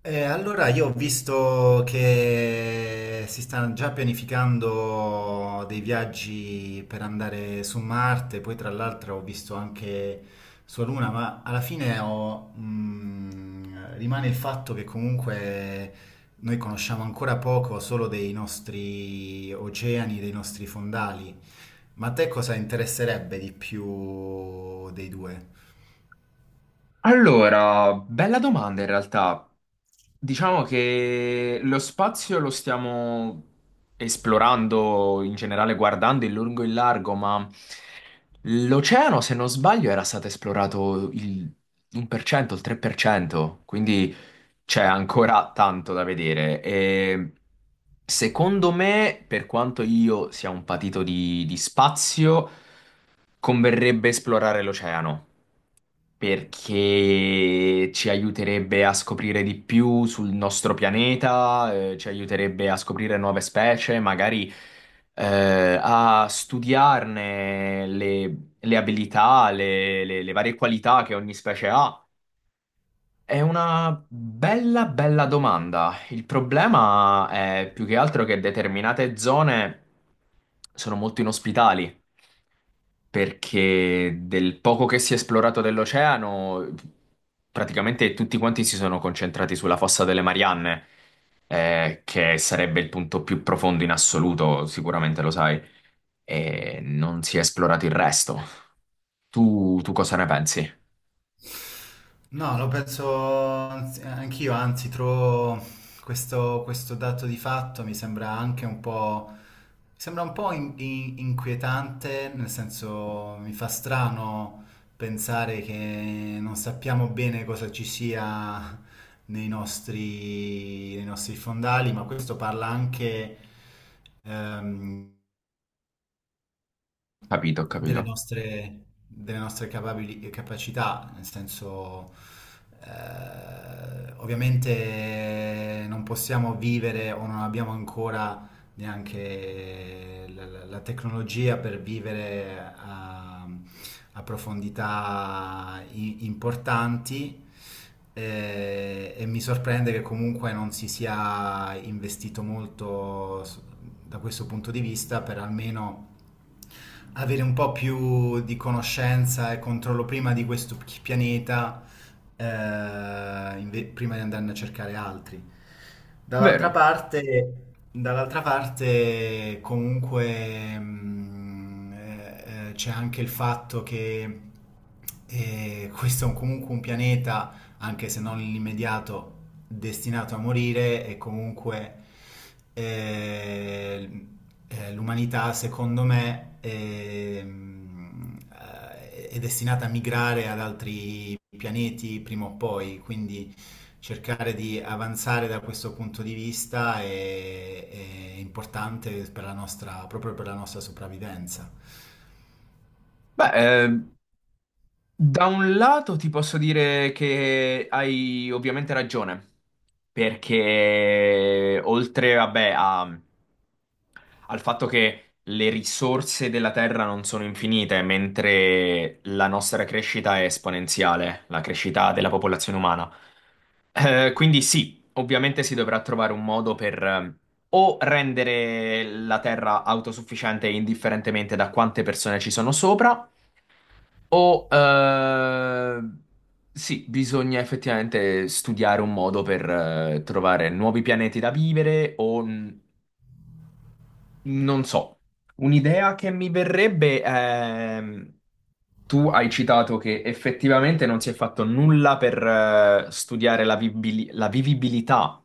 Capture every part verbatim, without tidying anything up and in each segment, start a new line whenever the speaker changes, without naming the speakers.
Eh, allora io ho visto che si stanno già pianificando dei viaggi per andare su Marte, poi tra l'altro ho visto anche sulla Luna, ma alla fine ho, mh, rimane il fatto che comunque noi conosciamo ancora poco solo dei nostri oceani, dei nostri fondali. Ma a te cosa interesserebbe di più dei due?
Allora, bella domanda in realtà. Diciamo che lo spazio lo stiamo esplorando in generale, guardando in lungo e in largo, ma l'oceano, se non sbaglio, era stato esplorato il uno per cento, il tre per cento, quindi c'è ancora tanto da vedere. E secondo me, per quanto io sia un patito di di spazio, converrebbe esplorare l'oceano perché ci aiuterebbe a scoprire di più sul nostro pianeta, eh, ci aiuterebbe a scoprire nuove specie, magari eh, a studiarne le, le abilità, le le- le varie qualità che ogni specie ha. È una bella, bella domanda. Il problema è più che altro che determinate zone sono molto inospitali, perché del poco che si è esplorato dell'oceano, praticamente tutti quanti si sono concentrati sulla fossa delle Marianne, eh, che sarebbe il punto più profondo in assoluto, sicuramente lo sai, e non si è esplorato il resto. Tu, tu cosa ne pensi?
No, lo penso anzi- anch'io, anzi, trovo questo, questo dato di fatto mi sembra anche un po', mi sembra un po' in- in- inquietante, nel senso mi fa strano pensare che non sappiamo bene cosa ci sia nei nostri, nei nostri fondali, ma questo parla anche ehm,
Capito, ho
delle
capito.
nostre, delle nostre capabili- capacità, nel senso, eh, ovviamente non possiamo vivere o non abbiamo ancora neanche la, la- la tecnologia per vivere a, a profondità i- importanti. eh, E, mi sorprende che comunque non si sia investito molto s- da questo punto di vista per almeno avere un po' più di conoscenza e controllo prima di questo p- pianeta, eh, inve- prima di andarne a cercare altri. Dall'altra
Vero?
parte, dall'altra parte comunque mh, eh, eh, c'è anche il fatto che eh, questo è un- comunque un pianeta, anche se non l'immediato, destinato a morire, e comunque eh, eh, l'umanità secondo me ehm, eh, è destinata a migrare ad altri pianeti prima o poi, quindi cercare di avanzare da questo punto di vista è, è importante per la nostra, proprio per la nostra sopravvivenza.
Beh, eh, da un lato ti posso dire che hai ovviamente ragione, perché oltre, vabbè, a... al fatto che le risorse della Terra non sono infinite, mentre la nostra crescita è esponenziale, la crescita della popolazione umana. Eh, quindi sì, ovviamente si dovrà trovare un modo per eh, o rendere la Terra autosufficiente indifferentemente da quante persone ci sono sopra, o eh, sì, bisogna effettivamente studiare un modo per eh, trovare nuovi pianeti da vivere o n- non so. Un'idea che mi verrebbe è... Tu hai citato che effettivamente non si è fatto nulla per eh, studiare la vibili- la vivibilità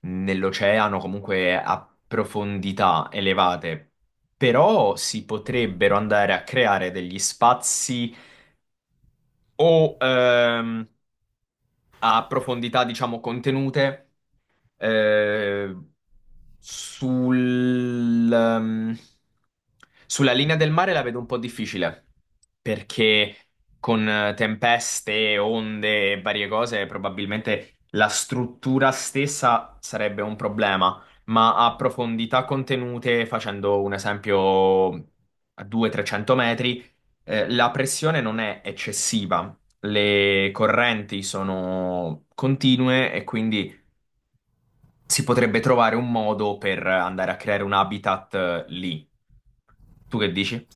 nell'oceano, comunque a profondità elevate, però si potrebbero andare a creare degli spazi o ehm, a profondità, diciamo, contenute. Eh, sul, ehm, sulla linea del mare la vedo un po' difficile perché con eh, tempeste, onde e varie cose probabilmente la struttura stessa sarebbe un problema, ma a profondità contenute, facendo un esempio a duecento trecento metri, eh, la pressione non è eccessiva, le correnti sono continue e quindi si potrebbe trovare un modo per andare a creare un habitat eh, lì. Tu che dici?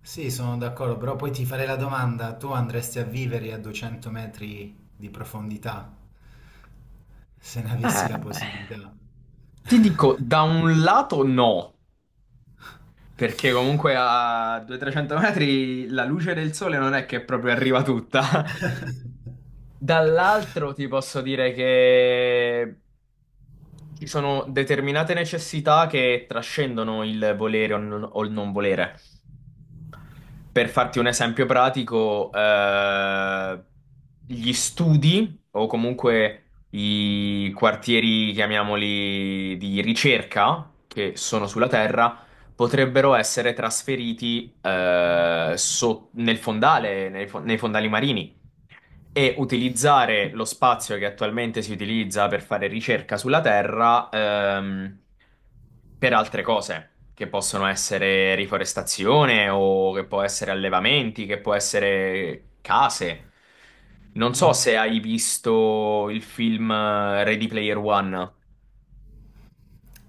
Sì, sono d'accordo, però poi ti farei la domanda, tu andresti a vivere a duecento metri di profondità se ne avessi la
Eh,
possibilità?
Ti dico, da un lato no, perché comunque a duecento trecento metri la luce del sole non è che proprio arriva tutta. Dall'altro ti posso dire che ci sono determinate necessità che trascendono il volere o non o il non volere. Per farti un esempio pratico, eh, gli studi o comunque i quartieri, chiamiamoli, di ricerca che sono sulla Terra potrebbero essere trasferiti eh, so- nel fondale, nei, fo- nei fondali marini, e utilizzare lo spazio che attualmente si utilizza per fare ricerca sulla Terra ehm, per altre cose. Che possono essere riforestazione o che può essere allevamenti, che può essere case. Non so
Mm,
se hai visto il film eh, Ready Player One.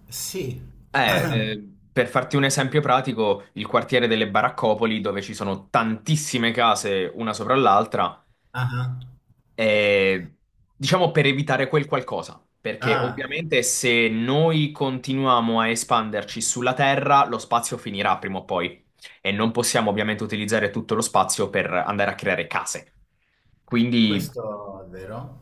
sì.
Eh, eh, per farti un esempio pratico, il quartiere delle Baraccopoli, dove ci sono tantissime case una sopra l'altra,
Ah,
è, diciamo, per evitare quel qualcosa, perché
ah,
ovviamente se noi continuiamo a espanderci sulla Terra, lo spazio finirà prima o poi e non possiamo ovviamente utilizzare tutto lo spazio per andare a creare case. Quindi,
questo è vero.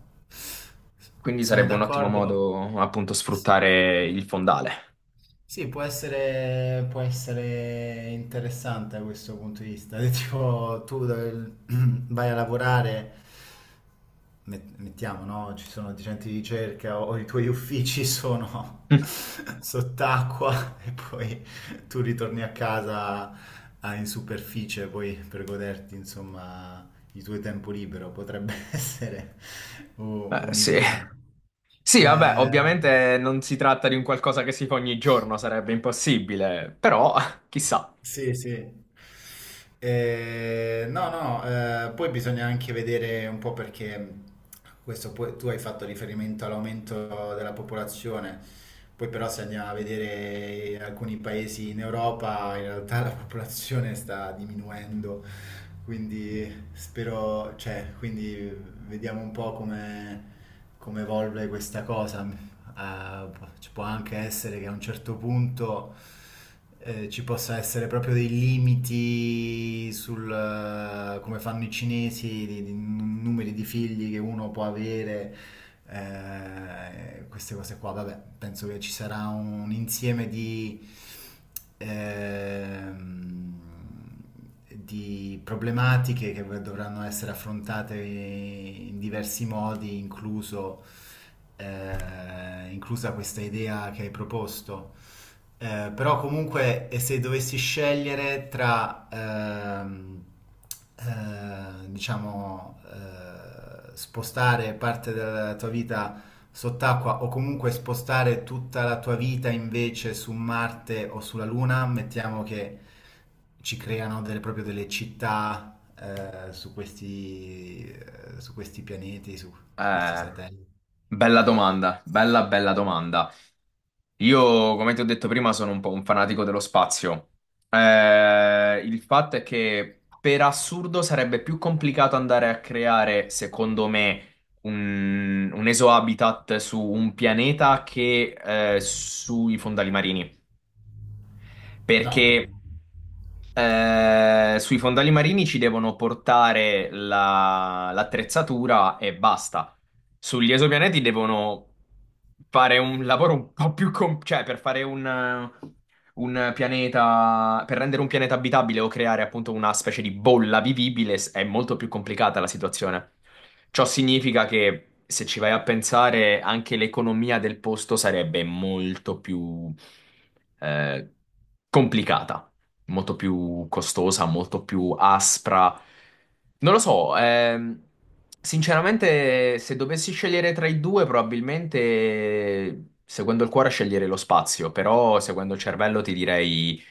quindi
Sono
sarebbe un ottimo
d'accordo.
modo appunto sfruttare il fondale.
Sì, può essere, può essere interessante da questo punto di vista. Tipo, tu dove- vai a lavorare, met- mettiamo, no? Ci sono dei centri di ricerca o i tuoi uffici sono sott'acqua e poi tu ritorni a casa, ah, in superficie poi per goderti, insomma, il tuo tempo libero. Potrebbe essere u-
Eh, sì.
un'idea.
Sì, vabbè,
Eh,
ovviamente non si tratta di un qualcosa che si fa ogni giorno, sarebbe impossibile, però chissà.
Sì, sì. Eh, no, no, eh, poi bisogna anche vedere un po' perché mh, questo poi- tu hai fatto riferimento all'aumento della popolazione, poi però se andiamo a vedere in alcuni paesi in Europa, in realtà la popolazione sta diminuendo, quindi spero, cioè, quindi vediamo un po' come, come evolve questa cosa. eh, Ci può anche essere che a un certo punto eh, ci possa essere proprio dei limiti sul eh, come fanno i cinesi, di, di n- numeri di figli che uno può avere, eh, queste cose qua. Vabbè, penso che ci sarà un insieme di ehm, di problematiche che dovranno essere affrontate in diversi modi, incluso, eh, inclusa questa idea che hai proposto, eh, però comunque, e se dovessi scegliere tra, ehm, eh, diciamo, eh, spostare parte della tua vita sott'acqua o comunque spostare tutta la tua vita invece su Marte o sulla Luna, mettiamo che ci creano delle, proprio delle città eh, su questi, eh, su questi pianeti, su su questi
Eh,
satelliti.
bella domanda, bella bella domanda. Io, come ti ho detto prima, sono un po' un fanatico dello spazio. Eh, il fatto è che per assurdo sarebbe più complicato andare a creare, secondo me, un, un esohabitat su un pianeta che eh, sui fondali marini.
No.
Perché eh, sui fondali marini ci devono portare la- l'attrezzatura e basta. Sugli esopianeti devono fare un lavoro un po' più com- cioè per fare un, un pianeta, per rendere un pianeta abitabile o creare appunto una specie di bolla vivibile s- è molto più complicata la situazione. Ciò significa che se ci vai a pensare, anche l'economia del posto sarebbe molto più eh, complicata, molto più costosa, molto più aspra. Non lo so, ehm, sinceramente, se dovessi scegliere tra i due, probabilmente seguendo il cuore sceglierei lo spazio, però seguendo il cervello ti direi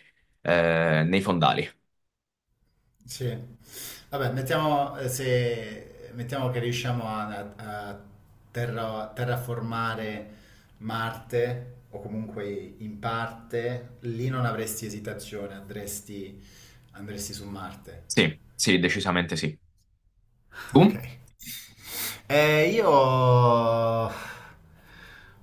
eh, nei fondali.
Sì, vabbè, mettiamo, eh, se, mettiamo che riusciamo a, a terra- terraformare Marte o comunque in parte, lì non avresti esitazione, andresti, andresti su Marte.
Sì, sì, decisamente sì.
Ok.
Boom?
Eh, io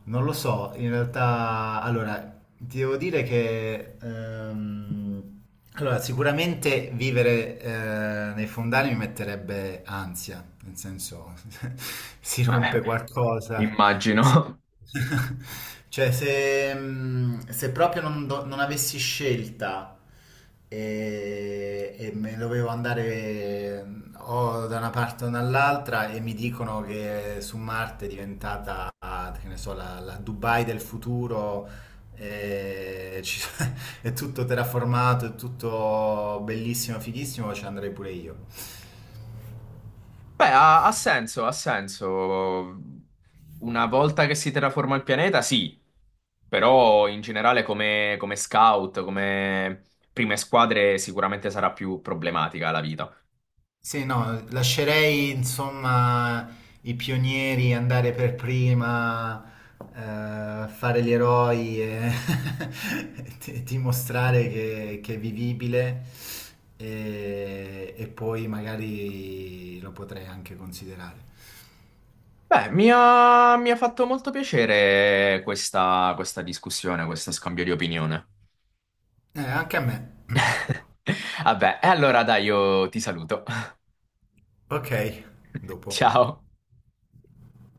non lo so, in realtà, allora, ti devo dire che ehm, allora, sicuramente vivere eh, nei fondali mi metterebbe ansia, nel senso si
Eh,
rompe qualcosa,
immagino.
così. Cioè, se, mh, se proprio non, do- non avessi scelta e, e me dovevo andare mh, o da una parte o dall'altra e mi dicono che su Marte è diventata, che ne so, la la Dubai del futuro e ci- è tutto terraformato, è tutto bellissimo, fighissimo, ci andrei pure io.
Beh, ha, ha senso, ha senso. Una volta che si terraforma il pianeta, sì. Però in generale come, come scout, come prime squadre, sicuramente sarà più problematica la vita.
Sì, no, lascerei insomma i pionieri andare per prima, eh, fare gli eroi e ti- dimostrare che, che è vivibile e, e poi magari lo potrei anche considerare.
Beh, mi ha, mi ha fatto molto piacere questa, questa discussione, questo scambio di opinione.
Eh, anche a me.
Vabbè, e allora dai, io ti saluto.
Ok, dopo.
Ciao.